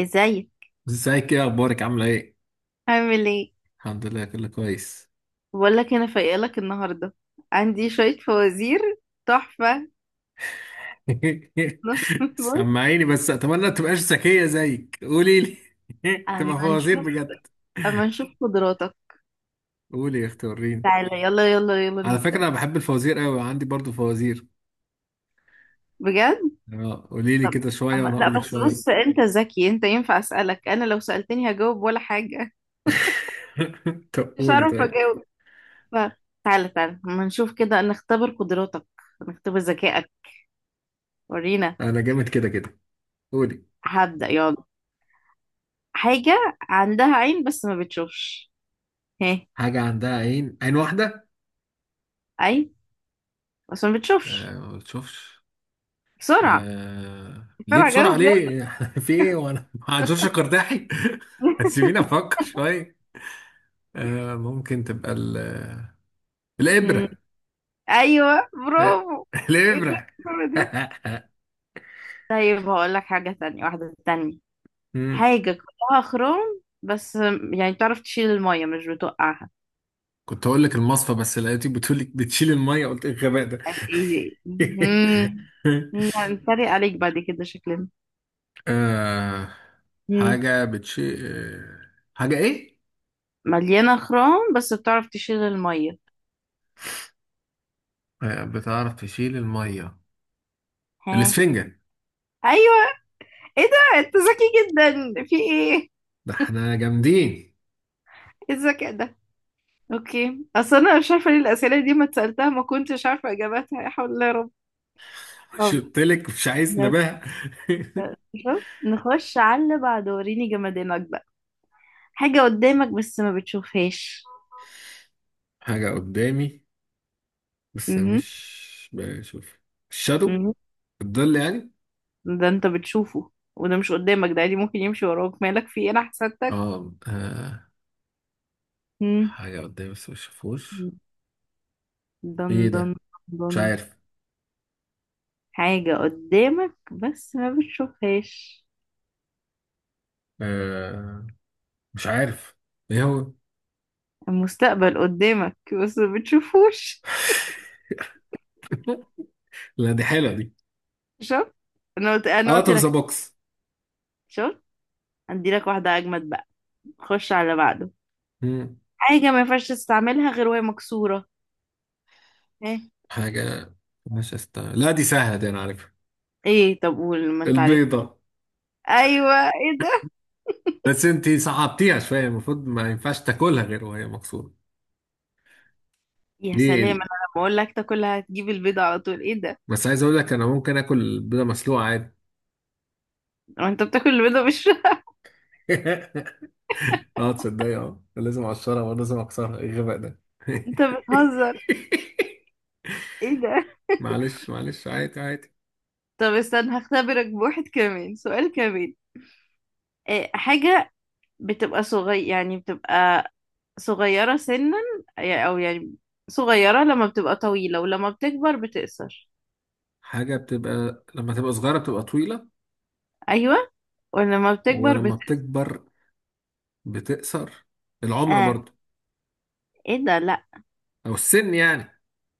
ازاي؟ ازيك؟ ايه اخبارك؟ عامله ايه؟ عامل ايه؟ الحمد لله كله كويس. بقول لك انا فايقه لك النهارده. عندي شويه فوازير تحفه. بص. سمعيني بس، اتمنى تبقاش ذكيه زيك، قولي لي. تبقى اما فوازير نشوف بجد. اما نشوف قدراتك. قولي يا اختي، وريني. تعالى يلا يلا يلا على فكره نبدا. انا بحب الفوازير قوي، عندي برضو فوازير. بجد؟ اه قولي لي طب. كده شويه وانا لا اقول لك بس شويه. بص، انت ذكي، انت ينفع اسالك؟ انا لو سالتني هجاوب ولا حاجه؟ طب مش قولي هعرف طيب. اجاوب. ف... تعالى اما نشوف كده، نختبر قدراتك، نختبر ذكائك، ورينا. انا جامد كده كده. قولي. هبدا يلا. حاجه عندها عين بس ما بتشوفش. ها؟ حاجه عندها عين، عين واحده؟ اي، بس ما بتشوفش. آه ما بتشوفش. بسرعة، ليه بسرعة بسرعة؟ جاوب يلا. ليه؟ في ايه وانا مع جورج قرداحي؟ سيبيني افكر شوية. آه ممكن تبقى مم. الإبرة. أيوة، آه، برافو. ايه ده الإبرة. الصورة دي؟ طيب هقول لك حاجة تانية، واحدة تانية. مم. حاجة كلها خرام بس، يعني تعرف تشيل المية، مش بتوقعها. كنت هقول لك المصفى بس لقيتك بتقولك بتشيل المية، قلت ايه الغباء ده. ايه؟ يعني نتريق عليك بعد كده شكلنا. آه... مم. حاجة بتشيل، آه، حاجة ايه؟ مليانة خرام بس بتعرف تشيل المية. آه، بتعرف تشيل المية. ها؟ الإسفنجة. ايوه. ايه ده، انت ذكي جدا، في ايه؟ ده احنا جامدين. ايه الذكاء ده؟ اوكي، اصل انا مش عارفه ليه الاسئله دي ما اتسالتها، ما كنتش عارفه اجاباتها، يا حول الله يا رب. طب. شرطلك مش عايز نخ- نبه. شوف، نخش على اللي بعده، وريني جمدانك بقى. حاجة قدامك بس ما بتشوفهاش. حاجة قدامي بس امم. مش بشوف؟ الشادو، الظل يعني. ده انت بتشوفه، وده مش قدامك، ده عادي ممكن يمشي وراك، مالك في ايه، انا حسدتك. اه آه، مم. حاجة قدامي بس مش شافوش. دن ايه دن ده؟ مش دن. عارف. حاجة قدامك بس ما بتشوفهاش. آه مش عارف. ايه هو؟ المستقبل قدامك بس ما بتشوفوش. لا دي حلوة دي. شفت؟ انا قلت انا اه قلت طب ذا لك بوكس. شفت؟ ادي لك واحدة اجمد بقى، خش على اللي بعده. مم. حاجة ما ينفعش تستعملها غير وهي مكسورة. حاجة مش استاهل. لا دي سهلة دي، انا عارفها. ايه؟ طب قول ما انت عارف. البيضة. ايوه، ايه ده؟ بس انتي صعبتيها شوية، المفروض ما ينفعش تاكلها غير وهي مكسورة. يا سلام. انا ليه؟ لما اقول لك تاكلها هتجيب البيضه على طول، ايه ده؟ بس عايز اقول لك انا ممكن اكل بيضه مسلوقه عادي. هو انت بتاكل البيضه مش؟ اه تصدق اه لازم اقشرها ولازم اكسرها، ايه الغباء ده. انت بتهزر، ايه ده؟ معلش معلش عادي عادي. طب استنى، هختبرك بواحد كمان، سؤال كمان. إيه حاجه بتبقى صغير، يعني بتبقى صغيره سنا، او يعني صغيره لما بتبقى طويله ولما بتكبر بتقصر؟ حاجه بتبقى لما تبقى صغيره بتبقى طويله ايوه، ولما بتكبر ولما بتقصر. بتكبر بتقصر؟ العمر اه. برضو. ايه ده، لا. او السن يعني.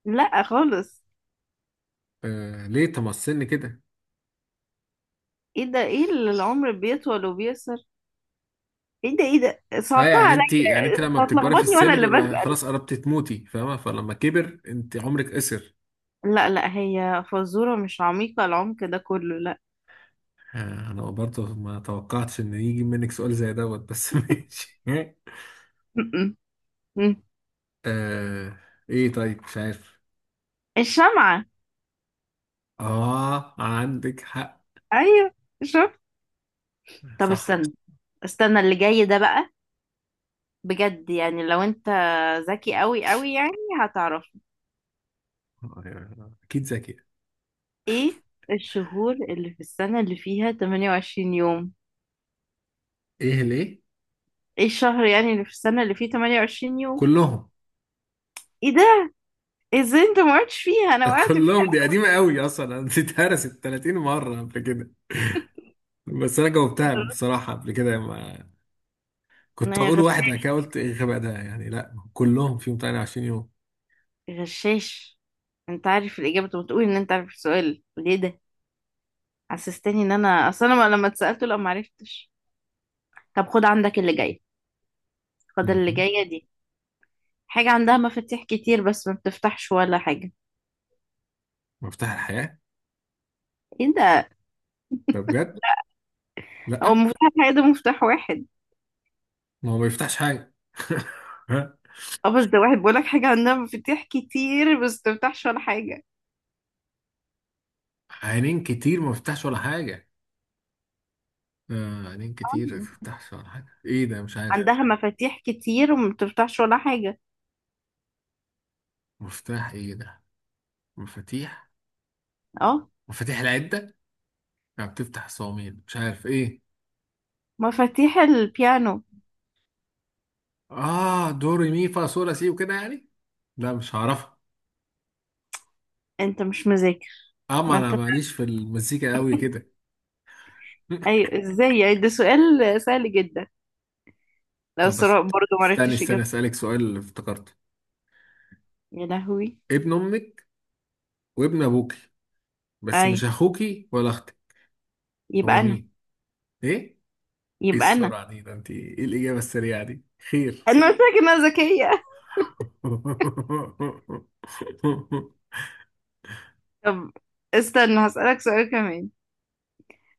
لا خالص. آه ليه؟ طب ما السن كده. ايه ده، ايه اللي العمر بيطول وبيقصر؟ ايه ده، ايه ده، اه صعبتها يعني عليا. انت يعني انت أنت لما بتكبري في هتلخبطني وانا السن اللي بيبقى بسأل. خلاص قربتي تموتي، فاهمه؟ فلما كبر انت، عمرك قصر. لا لا، هي فزورة مش عميقة العمق ده كله، لا. آه، انا برضه ما توقعتش ان يجي منك سؤال زي دوت، بس ماشي. م-م. م. آه ايه؟ طيب مش عارف. الشمعة. اه عندك حق. ايوه، شفت؟ طب صح. استنى. استنى اللي جاي ده بقى، بجد يعني، لو انت ذكي قوي قوي، يعني هتعرف. آه، اكيد ذكية. ايه الشهور اللي في السنة اللي فيها 28 يوم؟ ايه ليه؟ ايه الشهر يعني اللي في السنة اللي فيه 28 يوم؟ كلهم. ايه ده، ازاي انت ما وقعتش فيها، انا وقعت كلهم، دي قديمة قوي اصلا، انا دي اتهرست 30 مرة قبل كده. بس انا جاوبتها بصراحة قبل كده، ما كنت فيها. اقول واحد بعد كده قلت ايه الغباء ده، يعني لا كلهم فيهم 28 يوم. غشاش، انت عارف الاجابه، طب تقول ان انت عارف السؤال ليه ده، حسستني ان انا اصلا، أنا لما اتسالته لا ما عرفتش. طب خد عندك اللي جاي، خد اللي مهم. جايه دي. حاجه عندها مفاتيح كتير بس ما بتفتحش ولا حاجه. مفتاح الحياة. ايه ده؟ ده بجد؟ هو لا. مفتاح حاجه، ده مفتاح واحد. ما هو ما يفتحش حاجة. اه بس ده واحد، بيقول لك حاجه عندها مفاتيح كتير بس ما بتفتحش ولا حاجه. عينين كتير ما فتحش ولا حاجة. آه عينين كتير ما آه. فتحش ولا حاجة، ايه ده؟ مش عارف. عندها مفاتيح كتير وما بتفتحش ولا حاجه. مفتاح ايه ده؟ مفاتيح. اه، مفاتيح العدة، ما بتفتح الصواميل، مش عارف ايه. مفاتيح البيانو. اه دوري مي فا صول لا سي وكده يعني. لا مش هعرفها. انت مش مذاكر؟ اما ما انا انت، ماليش في المزيكا قوي كده. ايوه ازاي يعني، ده سؤال سهل جدا. لو طب بس، سراء برضه استني معرفتش استني اجابتها. اسألك سؤال اللي افتكرته. يا لهوي. ابن امك وابن ابوكي بس مش ايوه. اخوكي ولا اختك. هو يبقى انا. مين؟ ايه؟ ايه يبقى السرعة دي؟ ده انت ايه الاجابة السريعة دي؟ خير. انا. قلت لك انها ذكية. طب استنى، هسألك سؤال كمان.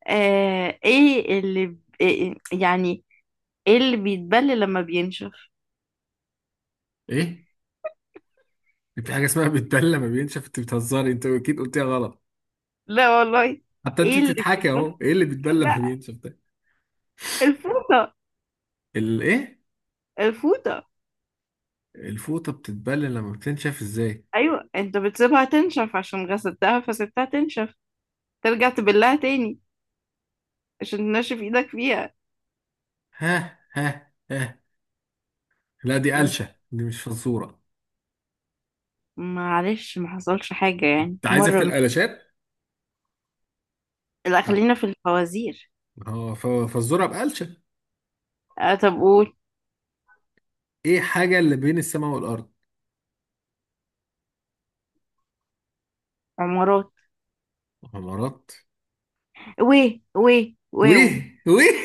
آه. إيه يعني ايه اللي بيتبل لما بينشف؟ ايه؟ في حاجه اسمها بتبلى ما بينشف؟ انت بتهزري، انت اكيد قلتيها غلط. لا والله. حتى انت ايه اللي بتضحكي بيتبل؟ اهو، ايه اللي بيتبلى ما لا، بينشف ده؟ الفوطة. الايه؟ الفوطة. الفوطه بتتبلى لما بتنشف ازاي؟ ايوه، انت بتسيبها تنشف، عشان غسلتها فسبتها تنشف، ترجع تبلها تاني عشان تنشف ايدك فيها. ها ها ها. لا دي م- قلشه دي، مش فزوره. معلش، ما حصلش حاجة يعني، انت عايزه في القلاشات؟ لا لا. خلينا في الفوازير. هو فزوره بقلشه. آه طب قول. ايه حاجه اللي بين السماء والارض؟ عمارات. غمرات. وي وي واو. ويه ويه.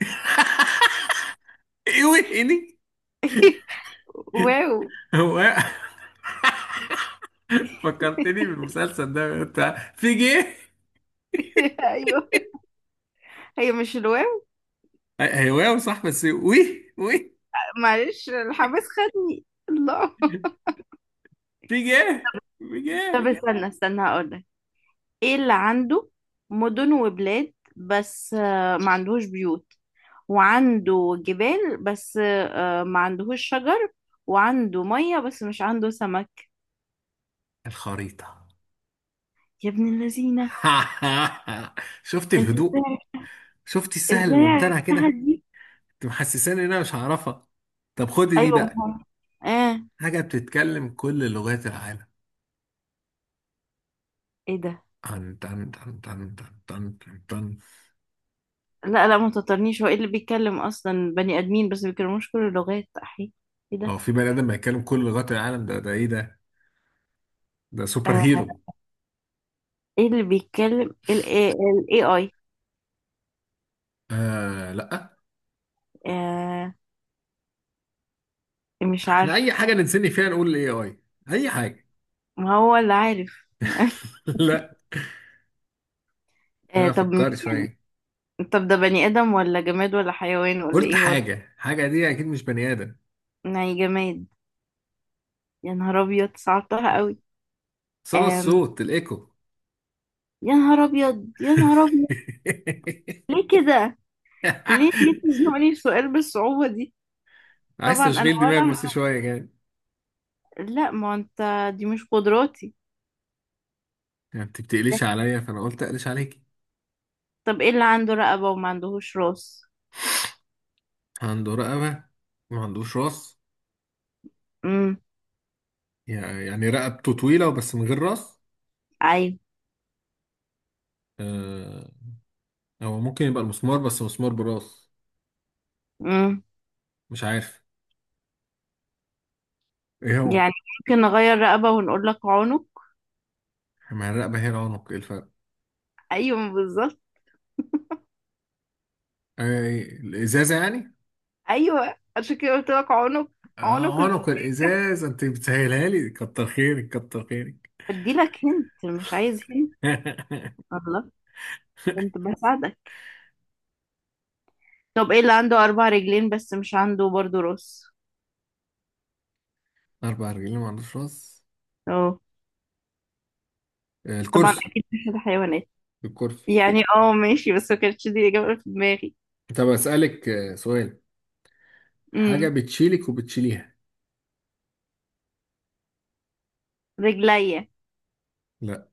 ايه ويه إيه دي؟ واو. هو إيه؟ فكرتني بالمسلسل ده بتاع في جه. ايوه، هي مش الواو، هواوي صح، بس وي وي. معلش الحماس خدني الله. في جه في طب جه. استنى، استنى هقول لك. ايه اللي عنده مدن وبلاد بس آه، ما عندهوش بيوت، وعنده جبال بس آه، ما عندهوش شجر، وعنده مية بس مش عنده سمك؟ الخريطة. يا ابن اللذينة، شفت انت الهدوء؟ ازاي؟ شفت السهل ازاي الممتنع كده؟ عرفتها دي؟ انت محسساني ان انا مش هعرفها. طب خد دي ايوه، ما بقى. هو. اه. حاجة بتتكلم كل لغات العالم. ايه ده، تن تن تن تن تن تن تن تن. لا. لا ما تطرنيش، هو ايه اللي بيتكلم اصلا، بني ادمين بس ما بيتكلموش كل اللغات، احي. ايه هو ده؟ في بني ادم بيتكلم كل لغات العالم؟ ده ده ايه ده؟ ده سوبر آه، هيرو. ايه اللي بيتكلم ال ال AI. آه لا. آه، مش احنا عارف. اي حاجة نتسني فيها نقول الاي اي. اي حاجة. ما هو اللي عارف. لا. آه انا طب. فكرت شويه. طب ده بني ادم ولا جماد ولا حيوان ولا قلت ايه وضع؟ حاجه دي اكيد مش بني ادم. يعني جماد. يا نهار ابيض، صعبتها قوي. صدى آم. الصوت، الايكو. يا نهار ابيض، يا نهار ابيض، ليه كده، ليه، ليه تزنقني في سؤال بالصعوبة دي. عايز طبعا انا تشغيل دماغ ولا، بس شويه كده. لا ما انت، دي مش قدراتي. يعني انت بتقليش عليا، فانا قلت اقلش عليك. طب ايه اللي عنده رقبة وما عندهوش راس؟ عنده رقبه ما عندوش راس؟ امم. يعني رقبته طويله بس من غير راس. ايوه. آه، هو ممكن يبقى المسمار، بس مسمار براس. امم. مش عارف. ايه هو؟ يعني، ممكن نغير رقبة ونقول لك عنق. ما الرقبه هي العنق، ايه الفرق؟ ايوه بالظبط. آه، إيه، الازازه يعني. ايوه عشان كده قلت لك عنق. عنق اه إز- عنق الازازه، انت بتسهلها لي، كتر خيرك كتر خيرك. بدي لك، هنت مش عايز هنت. الله، كنت بساعدك. طب ايه اللي عنده اربع رجلين بس مش عنده برضه راس؟ أربع رجلين ما عندوش راس؟ اه. آه، طبعا الكرسي. اكيد مش الحيوانات. الكرسي. يعني اه ماشي، بس ما كانتش دي الاجابة اللي في دماغي. طب أسألك آه، سؤال. حاجة امم. بتشيلك وبتشيليها. رجليا. لا.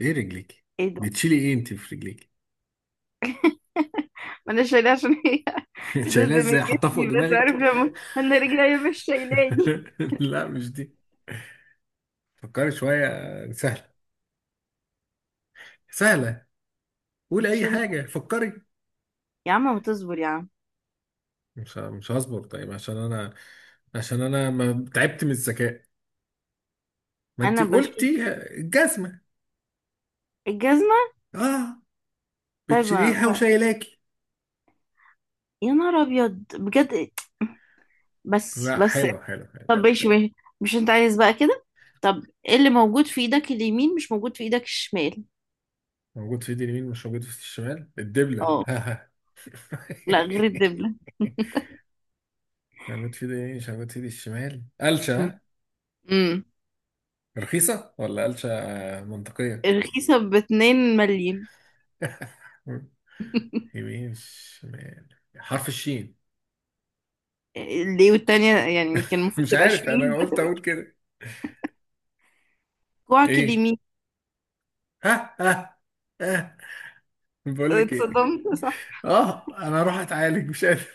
إيه رجليك؟ ايه ده، بتشيلي إيه أنت في رجليك؟ انا شايلاه عشان هي جزء شايلها من إزاي؟ حطها فوق جسمي، بس عارف دماغك. لما انا رجلي مش شايلاني. لا مش دي. فكري شوية، آه، سهلة، سهلة. قول أي بتشيلني. حاجة، فكري. يا عم ما تصبر يا عم. مش هصبر، طيب عشان أنا، عشان أنا ما تعبت من الذكاء. ما أنت انا بشيل قلتي. الجزمة. الجزمه. آه طيب، بتشيليها وشايلاكي. يا نهار ابيض بجد. بس لا بس. حلو حلو حلو. طب ماشي ماشي، مش انت عايز بقى كده. طب ايه اللي موجود في ايدك اليمين مش موجود في ايدك الشمال؟ موجود في ايد اليمين مش موجود في الشمال، الدبلة. اه، ها ها. لا غير الدبله. موجود في ايد اليمين مش موجود في ايد الشمال، قلشة امم. ها؟ أمم. رخيصة ولا قلشة آه، منطقية. رخيصه باتنين مليم. يمين شمال، حرف الشين. ليه والتانية يعني، كان المفروض مش تبقى عارف، انا شمال بس. قلت اقول كده. كوعك ايه؟ اليمين. ها ها ها. بقول لك ايه؟ اتصدمت صح؟ اه انا اروح اتعالج، مش قادر.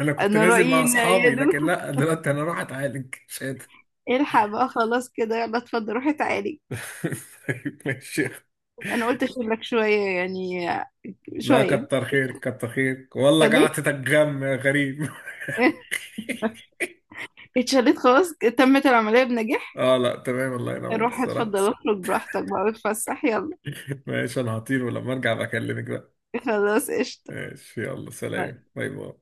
انا كنت انا نازل رأيي مع ان اصحابي، لكن يدو لا، دلوقتي انا اروح اتعالج مش قادر. الحق. بقى خلاص كده، يلا اتفضل، روحي تعالي. طيب ماشي. انا قلت اشيلك شوية يعني، لا شوية. كتر خيرك كتر خيرك والله، اتشليت. قعدتك غم يا غريب. اتشليت خلاص، تمت العملية بنجاح. اه لا تمام، الله ينور، روح الصراحة. اتفضل، اخرج براحتك بقى، اتفسح يلا. ماشي، انا هطير ولما ارجع بكلمك بقى. خلاص قشطة. ماشي، يلا باي. سلام، باي باي.